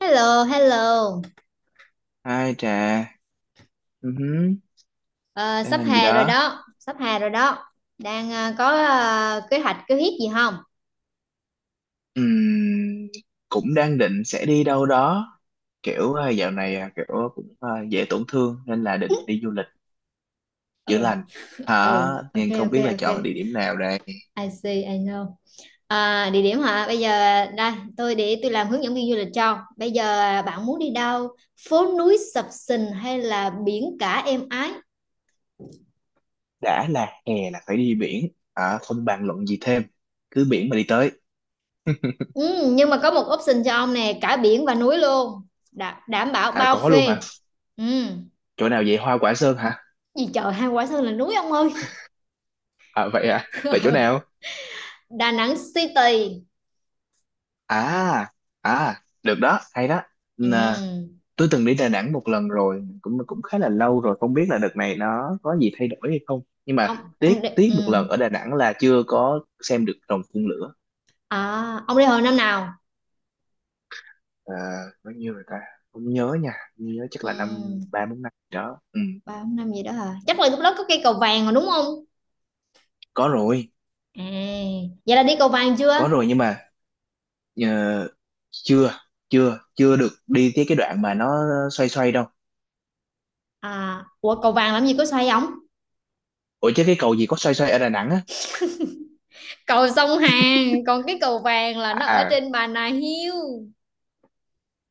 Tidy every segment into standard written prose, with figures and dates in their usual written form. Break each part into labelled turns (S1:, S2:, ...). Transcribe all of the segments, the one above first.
S1: Hello, hello.
S2: Hai trà. Ừ hứ.
S1: Ờ,
S2: Đang
S1: sắp
S2: làm gì
S1: hè rồi
S2: đó?
S1: đó, sắp hè rồi đó. Đang có kế hoạch gì không?
S2: Ừm, cũng đang định sẽ đi đâu đó. Kiểu dạo này kiểu cũng dễ tổn thương nên là định đi du lịch chữa
S1: Ừ,
S2: lành. Hả?
S1: ừ, ok,
S2: Nhưng không
S1: ok,
S2: biết là
S1: ok.
S2: chọn địa điểm nào đây.
S1: I see, I know. À, địa điểm hả? Bây giờ đây, tôi để tôi làm hướng dẫn viên du lịch cho. Bây giờ bạn muốn đi đâu? Phố núi sập sình hay là biển cả êm ái?
S2: Đã là hè là phải đi biển. Hả? Không bàn luận gì thêm. Cứ biển mà đi tới.
S1: Ừ, nhưng mà có một option cho ông nè, cả biển và núi luôn. Đảm bảo
S2: À
S1: bao
S2: có luôn hả?
S1: phê. Ừ,
S2: Chỗ nào vậy? Hoa Quả Sơn hả?
S1: gì trời, hai quả sơn là núi ông ơi.
S2: À? Vậy chỗ nào?
S1: Đà Nẵng City.
S2: À, được đó, hay đó.
S1: Ừ.
S2: Tôi từng đi Đà Nẵng một lần rồi, cũng cũng khá là lâu rồi, không biết là đợt này nó có gì thay đổi hay không, nhưng mà
S1: Ông ông
S2: tiếc
S1: đi
S2: tiếc
S1: ừ.
S2: một lần ở Đà Nẵng là chưa có xem được rồng phun lửa.
S1: À, ông đi hồi năm nào?
S2: À, bao nhiêu rồi ta? Không nhớ nha, không nhớ, chắc
S1: Ừ.
S2: là năm ba bốn năm gì đó. Ừ.
S1: Ba bốn năm gì đó hả? Chắc là lúc đó có cây cầu vàng rồi đúng không?
S2: Có rồi.
S1: À, vậy là đi cầu vàng chưa?
S2: Có rồi, nhưng mà ờ, chưa chưa chưa được đi tới cái đoạn mà nó xoay xoay đâu.
S1: À, ủa cầu vàng làm gì có xoay ống?
S2: Ủa chứ cái cầu gì có xoay xoay ở Đà Nẵng á?
S1: Cầu sông Hàn, còn cái cầu vàng là
S2: à
S1: nó ở
S2: à,
S1: trên Bà Nà Hills.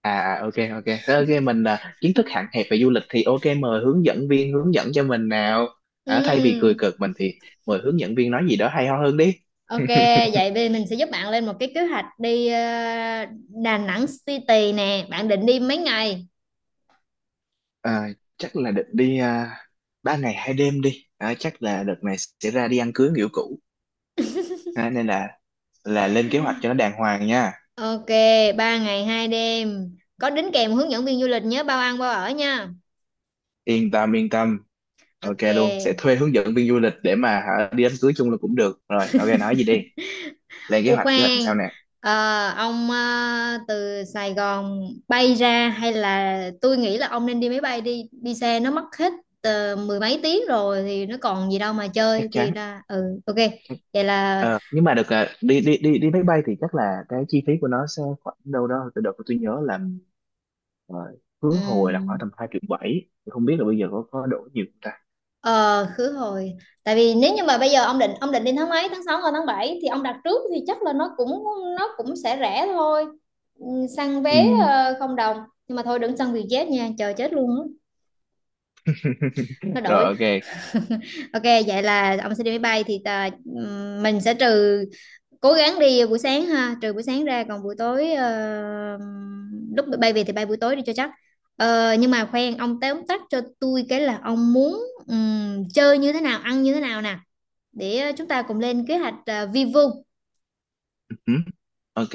S2: ok ok. Thế ok mình, kiến thức hạn hẹp về du lịch thì ok, mời hướng dẫn viên hướng dẫn cho mình nào. À, thay vì cười
S1: Ừ.
S2: cợt mình thì mời hướng dẫn viên nói gì đó hay ho hơn đi.
S1: Ok, vậy bây giờ mình sẽ giúp bạn lên một cái kế hoạch đi Đà Nẵng City nè. Bạn định đi mấy ngày?
S2: à, Chắc là định đi, 3 ngày 2 đêm đi, chắc là đợt này sẽ ra đi ăn cưới kiểu cũ, nên là lên kế hoạch cho nó đàng hoàng nha.
S1: Ok, 3 ngày 2 đêm. Có đính kèm hướng dẫn viên du lịch nhớ bao ăn bao ở nha.
S2: Yên tâm, yên tâm. Ok luôn, sẽ
S1: Ok.
S2: thuê hướng dẫn viên du lịch để mà hả, đi đám cưới chung là cũng được rồi. Ok nói gì đi, lên
S1: Ủa
S2: kế hoạch làm sao
S1: khoan,
S2: nè.
S1: ờ, ông từ Sài Gòn bay ra hay là tôi nghĩ là ông nên đi máy bay đi, đi xe nó mất hết mười mấy tiếng rồi thì nó còn gì đâu mà chơi
S2: Chắc
S1: thì
S2: chắn.
S1: ra ừ ok. Vậy là
S2: Ờ, nhưng mà được, đi đi đi đi máy bay thì chắc là cái chi phí của nó sẽ khoảng đâu đó, từ đợt tôi nhớ là ờ, khứ hồi là
S1: ừm,
S2: khoảng tầm 2,7 triệu, không biết là bây giờ có đổi nhiều không ta.
S1: ờ khứ hồi. Tại vì nếu như mà bây giờ ông định đi tháng mấy, tháng 6 hay tháng 7 thì ông đặt trước thì chắc là nó cũng sẽ rẻ thôi. Ừ, săn
S2: Ừ.
S1: vé không đồng. Nhưng mà thôi đừng săn Vietjet nha, chờ chết luôn á, nó
S2: Rồi
S1: đổi.
S2: ok.
S1: Ok, vậy là ông sẽ đi máy bay thì tà, mình sẽ trừ cố gắng đi buổi sáng ha, trừ buổi sáng ra còn buổi tối lúc bay về thì bay buổi tối đi cho chắc. Ờ, nhưng mà khoan ông tóm tắt cho tôi cái là ông muốn chơi như thế nào, ăn như thế nào nè để chúng ta cùng lên kế hoạch vi vu
S2: Ừ. Ok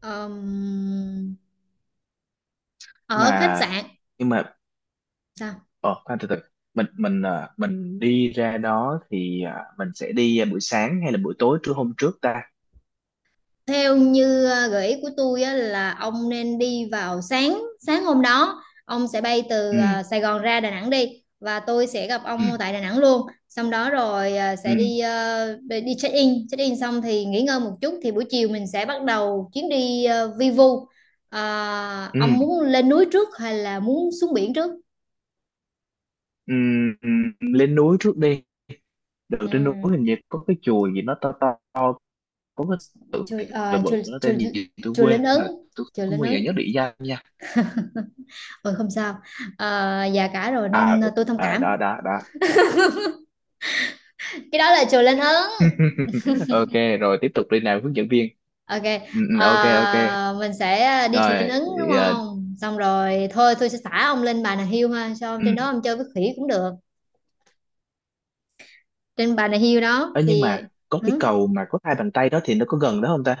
S1: ờm,
S2: mà.
S1: ở khách sạn.
S2: Nhưng mà
S1: Sao?
S2: ờ khoan, từ từ. Mình, mình đi ra đó thì mình sẽ đi buổi sáng hay là buổi tối trưa hôm trước ta?
S1: Theo như gợi ý của tôi á, là ông nên đi vào sáng sáng hôm đó ông sẽ bay từ
S2: Ừ,
S1: Sài Gòn ra Đà Nẵng đi và tôi sẽ gặp
S2: ừ,
S1: ông tại Đà Nẵng luôn. Xong đó rồi
S2: ừ,
S1: sẽ đi ờ, đi đi check in xong thì nghỉ ngơi một chút thì buổi chiều mình sẽ bắt đầu chuyến đi vi vu. Ờ, ông
S2: ừ,
S1: muốn lên núi trước hay là muốn xuống biển trước?
S2: ừ, ừ. Lên núi trước đi. Được,
S1: Ừ.
S2: trên núi hình như có cái chùa gì nó to to, có cái tự
S1: Chưa,
S2: thì là bự,
S1: chưa,
S2: nó
S1: chưa,
S2: tên gì tôi
S1: chưa lên
S2: quên
S1: Ấn
S2: rồi. Tôi
S1: chưa
S2: không
S1: lên
S2: bao giờ nhớ
S1: Ấn.
S2: địa danh nha.
S1: Ừ không sao. Ờ, già cả rồi
S2: À,
S1: nên
S2: ừ.
S1: tôi thông
S2: À, đó
S1: cảm.
S2: đó đó.
S1: Cái đó là chùa Linh Ứng.
S2: Ok rồi, tiếp tục đi nào hướng dẫn viên.
S1: Ok,
S2: Ừ, ừ, ok ok.
S1: mình sẽ đi chùa Linh
S2: Rồi
S1: Ứng đúng
S2: thì,
S1: không xong rồi thôi tôi sẽ thả ông lên Bà Nà Hills ha cho ông
S2: ừ.
S1: trên đó ông chơi với khỉ cũng được. Trên Bà Nà Hills đó
S2: Ơ, nhưng
S1: thì
S2: mà có cái
S1: ừ.
S2: cầu mà có hai bàn tay đó, thì nó có gần đó không ta?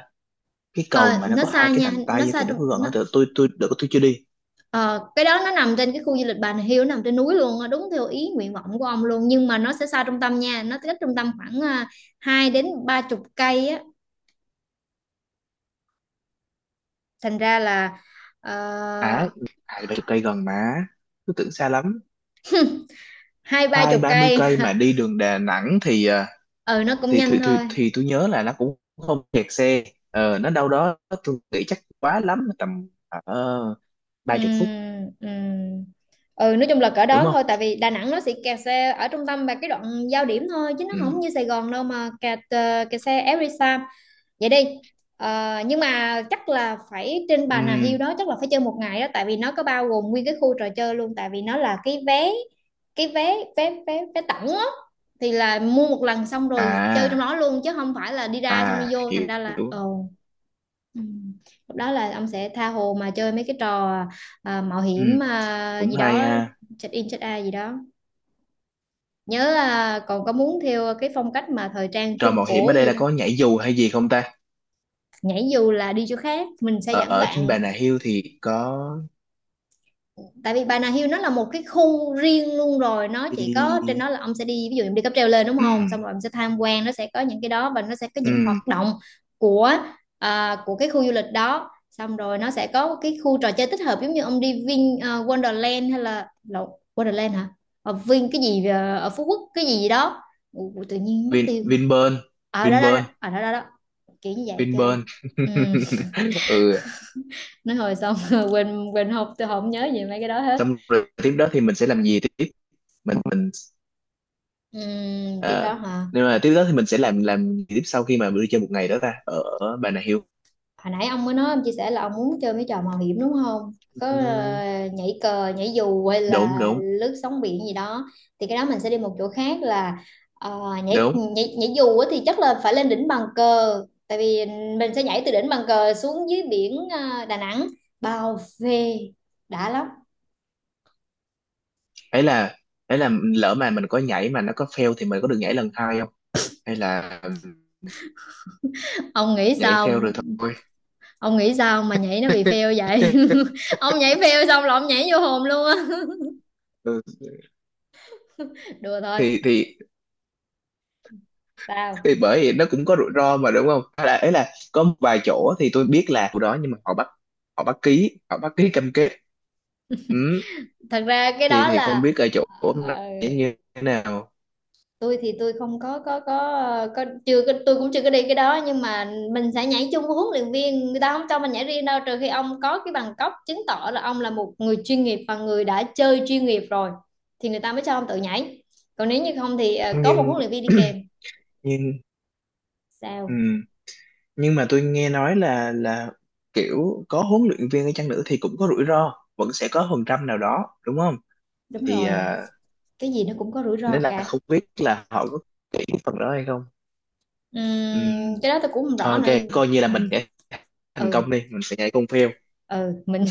S2: Cái cầu
S1: Ờ,
S2: mà nó
S1: nó
S2: có hai
S1: xa
S2: cái
S1: nha
S2: bàn
S1: nó
S2: tay
S1: xa
S2: thì nó
S1: trong
S2: có gần
S1: nó,
S2: không? Tôi, đợt tôi chưa đi.
S1: ờ, cái đó nó nằm trên cái khu du lịch Bà Nà Hills nó nằm trên núi luôn á, đúng theo ý nguyện vọng của ông luôn, nhưng mà nó sẽ xa trung tâm nha, nó cách trung tâm khoảng à, hai đến ba chục cây á thành ra là ờ,
S2: À, hai ba chục cây gần mà, tôi tưởng xa lắm.
S1: hai ba
S2: Hai
S1: chục
S2: ba mươi
S1: cây.
S2: cây mà đi đường Đà Nẵng thì
S1: Ừ nó cũng
S2: thì thì
S1: nhanh
S2: thì,
S1: thôi.
S2: thì tôi nhớ là nó cũng không kẹt xe. Nó đâu đó tôi nghĩ chắc quá lắm tầm ở
S1: Ừ,
S2: 30 phút.
S1: ừ. Ừ nói chung là cỡ
S2: Đúng
S1: đó
S2: không?
S1: thôi tại vì Đà Nẵng nó sẽ kẹt xe ở trung tâm và cái đoạn giao điểm thôi chứ nó không
S2: Ừ.
S1: như Sài Gòn đâu mà kẹt xe every time. Vậy đi. Ờ, nhưng mà chắc là phải trên
S2: Ừ.
S1: Bà Nà Hills đó chắc là phải chơi một ngày đó tại vì nó có bao gồm nguyên cái khu trò chơi luôn tại vì nó là cái vé vé vé vé tổng á, thì là mua một lần xong rồi chơi trong
S2: à
S1: đó luôn chứ không phải là đi ra xong đi vô thành
S2: Hiểu
S1: ra là
S2: hiểu.
S1: ừ. Ừ. Lúc đó là ông sẽ tha hồ mà chơi mấy cái trò à, mạo
S2: Ừ.
S1: hiểm à,
S2: Cũng
S1: gì
S2: hay
S1: đó,
S2: ha.
S1: check in check out gì đó, nhớ là còn có muốn theo cái phong cách mà thời trang
S2: Trò
S1: trung
S2: mạo hiểm ở
S1: cổ
S2: đây
S1: gì
S2: là
S1: đó.
S2: có nhảy dù hay gì không ta?
S1: Nhảy dù là đi chỗ khác mình sẽ
S2: ở
S1: dẫn
S2: ở trên
S1: bạn,
S2: Bà Nà Hills thì có.
S1: tại vì Bà Nà Hills nó là một cái khu riêng luôn rồi nó chỉ có trên đó
S2: Đi.
S1: là ông sẽ đi, ví dụ em đi cáp treo lên đúng
S2: Ừ,
S1: không xong rồi em sẽ tham quan, nó sẽ có những cái đó và nó sẽ có những hoạt
S2: ừ.
S1: động của của cái khu du lịch đó, xong rồi nó sẽ có cái khu trò chơi tích hợp giống như ông đi Vin à, Wonderland hay là lộn, Wonderland hả, ở Vin cái gì à, ở Phú Quốc cái gì gì đó. Ủa, tự nhiên mất
S2: Vin
S1: tiêu.
S2: Vinpearl
S1: Ở đó đó đó.
S2: Vinpearl.
S1: Ở đó đó đó, kiểu như vậy chơi.
S2: Vinpearl.
S1: Ừ.
S2: Ừ.
S1: Nói hồi xong, quên quên học tôi không nhớ gì mấy cái đó hết.
S2: Xong rồi tiếp đó thì mình sẽ làm gì tiếp? Mình,
S1: Tiếp đó
S2: à,
S1: hả?
S2: nhưng mà tiếp đó thì mình sẽ làm gì tiếp sau khi mà mình đi chơi một ngày đó ta, ở ở Bà Nà Hills?
S1: Hồi nãy ông mới nói ông chia sẻ là ông muốn chơi mấy trò mạo hiểm đúng không? Có
S2: Ừm,
S1: nhảy cờ, nhảy dù hay
S2: đúng
S1: là
S2: đúng
S1: lướt sóng biển gì đó thì cái đó mình sẽ đi một chỗ khác là nhảy
S2: đúng.
S1: nhảy nhảy dù á, thì chắc là phải lên đỉnh Bàn Cờ tại vì mình sẽ nhảy từ đỉnh Bàn Cờ xuống dưới biển Đà Nẵng, bao phê, đã lắm.
S2: Ấy là ấy là, lỡ mà mình có nhảy mà nó có fail thì mình có được nhảy lần hai không, hay là
S1: Ông nghĩ
S2: nhảy fail
S1: sao?
S2: rồi thôi?
S1: Ông nghĩ sao mà nhảy nó bị fail vậy? Ông nhảy fail xong là ông nhảy vô hồn luôn á.
S2: Ừ,
S1: Đùa thôi.
S2: thì thì
S1: Sao?
S2: thì bởi vì nó cũng có rủi ro mà đúng không? Hay là ấy là có một vài chỗ thì tôi biết là chỗ đó, nhưng mà họ bắt ký cam kết. Ừ,
S1: Thật ra cái
S2: thì
S1: đó
S2: thì không
S1: là
S2: biết ở chỗ này
S1: ờ,
S2: như thế nào.
S1: tôi thì tôi không có chưa có, tôi cũng chưa có đi cái đó, nhưng mà mình sẽ nhảy chung với huấn luyện viên, người ta không cho mình nhảy riêng đâu, trừ khi ông có cái bằng cấp chứng tỏ là ông là một người chuyên nghiệp và người đã chơi chuyên nghiệp rồi thì người ta mới cho ông tự nhảy, còn nếu như không thì có một
S2: Nhưng
S1: huấn luyện viên đi kèm.
S2: nhưng.
S1: Sao?
S2: Ừ. Nhưng mà tôi nghe nói là kiểu có huấn luyện viên ở chăng nữa thì cũng có rủi ro, vẫn sẽ có phần trăm nào đó đúng không?
S1: Đúng
S2: Thì
S1: rồi, cái gì nó cũng có rủi ro
S2: nên là
S1: cả.
S2: không biết là họ có cái phần đó hay không. Ừ.
S1: Cái đó tôi cũng không
S2: Thôi
S1: rõ nữa.
S2: ok, coi như là
S1: Ừ,
S2: mình để thành
S1: ừ,
S2: công đi, mình sẽ nhảy con phêu.
S1: ừ, mình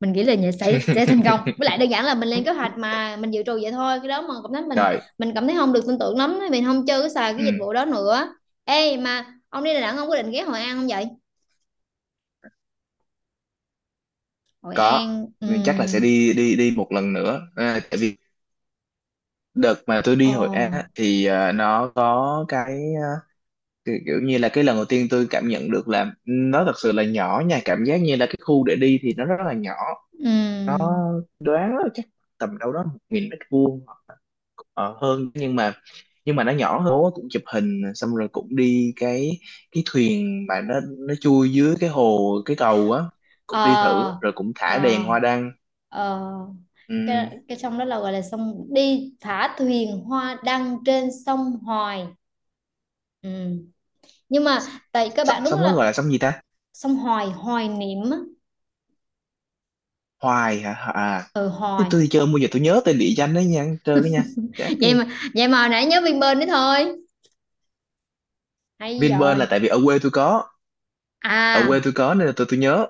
S1: mình nghĩ là nhà sẽ thành công, với lại đơn giản là mình lên kế hoạch mà mình dự trù vậy thôi, cái đó mà cảm thấy
S2: Trời.
S1: mình cảm thấy không được tin tưởng lắm mình không chơi cái xài cái dịch
S2: Ừ,
S1: vụ đó nữa. Ê mà ông đi Đà Nẵng ông có định ghé Hội An không vậy? Hội
S2: có.
S1: An.
S2: Mình chắc là sẽ đi đi đi một lần nữa. À, tại vì đợt mà tôi
S1: Ờ
S2: đi Hội An á, thì nó có cái thì kiểu như là cái lần đầu tiên tôi cảm nhận được là nó thật sự là nhỏ nha, cảm giác như là cái khu để đi thì nó rất là nhỏ.
S1: ừm
S2: Đoán là chắc tầm đâu đó 1.000 mét vuông hơn, nhưng mà nó nhỏ hơn. Bố cũng chụp hình xong rồi cũng đi cái thuyền mà nó chui dưới cái hồ cái cầu á. Cũng đi
S1: ờ
S2: thử rồi, cũng thả đèn
S1: ờ
S2: hoa đăng.
S1: ờ
S2: Ừm,
S1: cái sông đó là gọi là sông đi thả thuyền hoa đăng trên sông Hoài. Ừm. Nhưng mà tại các bạn đúng
S2: xong nó gọi
S1: là
S2: là sông gì ta?
S1: sông Hoài Hoài niệm á.
S2: Hoài hả? À,
S1: Ừ
S2: thế
S1: Hoài.
S2: tôi đi chơi bao giờ tôi nhớ tên địa danh đấy nha, chơi cái nha, chán
S1: vậy
S2: ghê.
S1: mà vậy mà hồi nãy nhớ Vinpearl đấy thôi. Hay
S2: Vinpearl
S1: rồi.
S2: là tại vì ở quê
S1: À,
S2: tôi có nên là tôi nhớ.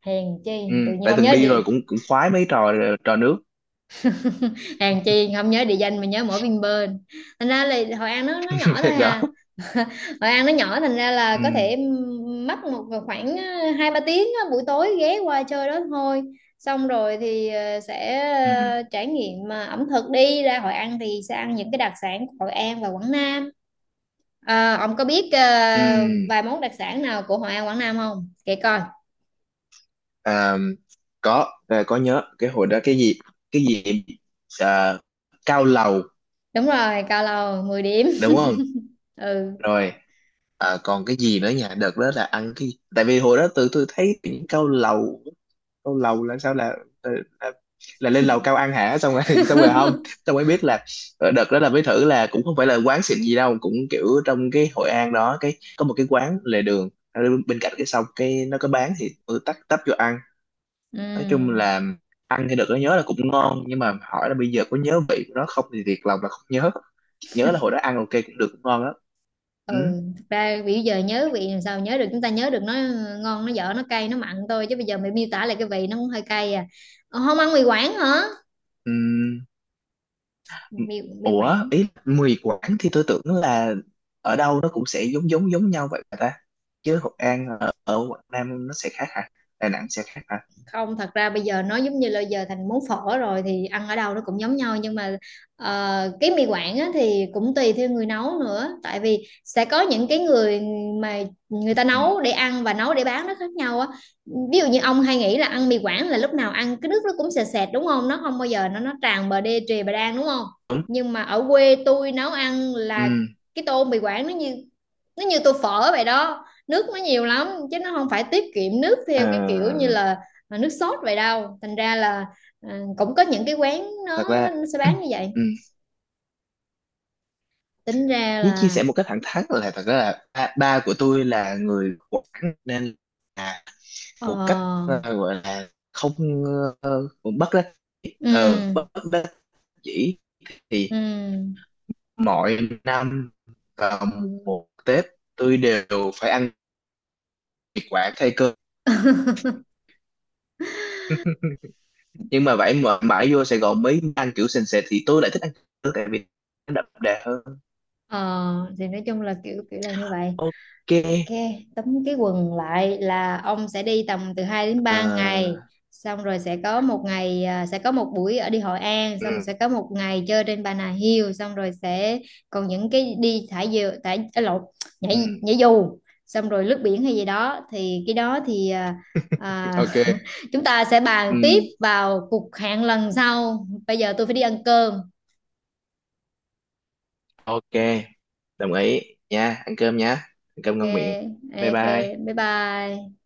S1: hèn
S2: Ừ,
S1: chi tự nhiên
S2: tại
S1: không
S2: từng
S1: nhớ
S2: đi rồi,
S1: đi,
S2: cũng cũng khoái mấy trò trò nước.
S1: hèn chi không nhớ địa danh mà nhớ mỗi Vinpearl. Thành ra là Hội An nó nhỏ thôi
S2: Đó.
S1: hà. Hội An nó nhỏ thành ra là
S2: Ừ,
S1: có thể mất một khoảng hai ba tiếng á, buổi tối ghé qua chơi đó thôi, xong rồi thì sẽ
S2: ừ,
S1: trải nghiệm ẩm thực, đi ra Hội An thì sẽ ăn những cái đặc sản của Hội An và Quảng Nam. À, ông có biết
S2: ừ.
S1: vài món đặc sản nào của Hội An Quảng Nam không? Kể coi.
S2: À, có, có nhớ cái hồi đó cái gì, cái gì, à, cao lầu.
S1: Đúng rồi, cao lầu 10 điểm.
S2: Đúng không?
S1: Ừ.
S2: Rồi, còn cái gì nữa nhỉ? Đợt đó là ăn cái, tại vì hồi đó tụi tôi thấy những cao lầu, cao lầu là sao, là, là lên lầu cao ăn hả? Xong rồi xong rồi không, xong mới biết là đợt đó là mới thử là cũng không phải là quán xịn gì đâu, cũng kiểu trong cái Hội An đó, cái có một cái quán lề đường ở bên cạnh cái sông, cái nó có bán thì tôi tấp tấp vô ăn. Nói chung
S1: Ừ.
S2: là ăn thì đợt đó nhớ là cũng ngon, nhưng mà hỏi là bây giờ có nhớ vị của nó không thì thiệt lòng là không nhớ. Chỉ nhớ là hồi đó ăn ok cũng được, cũng ngon lắm. Ừ.
S1: Ừ, thực ra bây giờ nhớ vị làm sao nhớ được, chúng ta nhớ được nó ngon nó dở nó cay nó mặn thôi chứ bây giờ mày miêu tả lại cái vị nó cũng hơi cay à. Ờ, không ăn mì Quảng hả?
S2: Ừm,
S1: Mì mì
S2: ủa
S1: Quảng,
S2: ý mì Quảng thì tôi tưởng là ở đâu nó cũng sẽ giống giống giống nhau vậy mà ta? Chứ Hội An ở Quảng Nam nó sẽ khác hả? Đà Nẵng sẽ khác hả?
S1: không thật ra bây giờ nó giống như là giờ thành món phở rồi thì ăn ở đâu nó cũng giống nhau, nhưng mà cái mì Quảng á, thì cũng tùy theo người nấu nữa, tại vì sẽ có những cái người mà người ta
S2: Ừm,
S1: nấu để ăn và nấu để bán nó khác nhau á, ví dụ như ông hay nghĩ là ăn mì Quảng là lúc nào ăn cái nước nó cũng sệt sệt đúng không, nó không bao giờ nó tràn bờ đê trề bà đan đúng không.
S2: đúng.
S1: Nhưng mà ở quê tôi nấu ăn là
S2: Ừm,
S1: cái tô mì Quảng nó như tô phở vậy đó, nước nó nhiều lắm chứ nó không phải tiết kiệm nước
S2: ờ,
S1: theo cái kiểu như là mà nước sốt vậy đâu thành ra là à, cũng có những cái quán
S2: Thật
S1: nó,
S2: ra
S1: nó nó sẽ bán như vậy,
S2: ừm,
S1: tính ra
S2: chỉ chia
S1: là
S2: sẻ một cách thẳng thắn là, thật ra là ba của tôi là người Quảng, nên là một cách,
S1: ờ
S2: gọi là không, ờ, bất đắc
S1: ừ
S2: bất đắc dĩ thì,
S1: ừ
S2: mỗi năm vào một Tết, tôi đều phải ăn thịt quả thay cơm. Nhưng mà vậy mà mãi vô Sài Gòn mới ăn kiểu sền sệt thì tôi lại thích ăn cơm, tại vì nó đậm đà hơn.
S1: ờ thì nói chung là kiểu kiểu là như vậy.
S2: Ok.
S1: Ok, tấm cái quần lại là ông sẽ đi tầm từ 2 đến 3 ngày,
S2: Ờ,
S1: xong rồi sẽ có một ngày à, sẽ có một buổi ở đi Hội An,
S2: ừ,
S1: xong rồi sẽ có một ngày chơi trên Bà Nà Hills, xong rồi sẽ còn những cái đi thả diều thả à, lộn, nhảy
S2: ừ,
S1: nhảy dù, xong rồi lướt biển hay gì đó thì cái đó thì à, à,
S2: ok.
S1: chúng ta sẽ bàn
S2: Ừ,
S1: tiếp vào cuộc hẹn lần sau, bây giờ tôi phải đi ăn cơm.
S2: ok. Đồng ý nha. Ăn cơm
S1: Ok.
S2: ngon miệng. Bye
S1: Ok,
S2: bye.
S1: bye bye.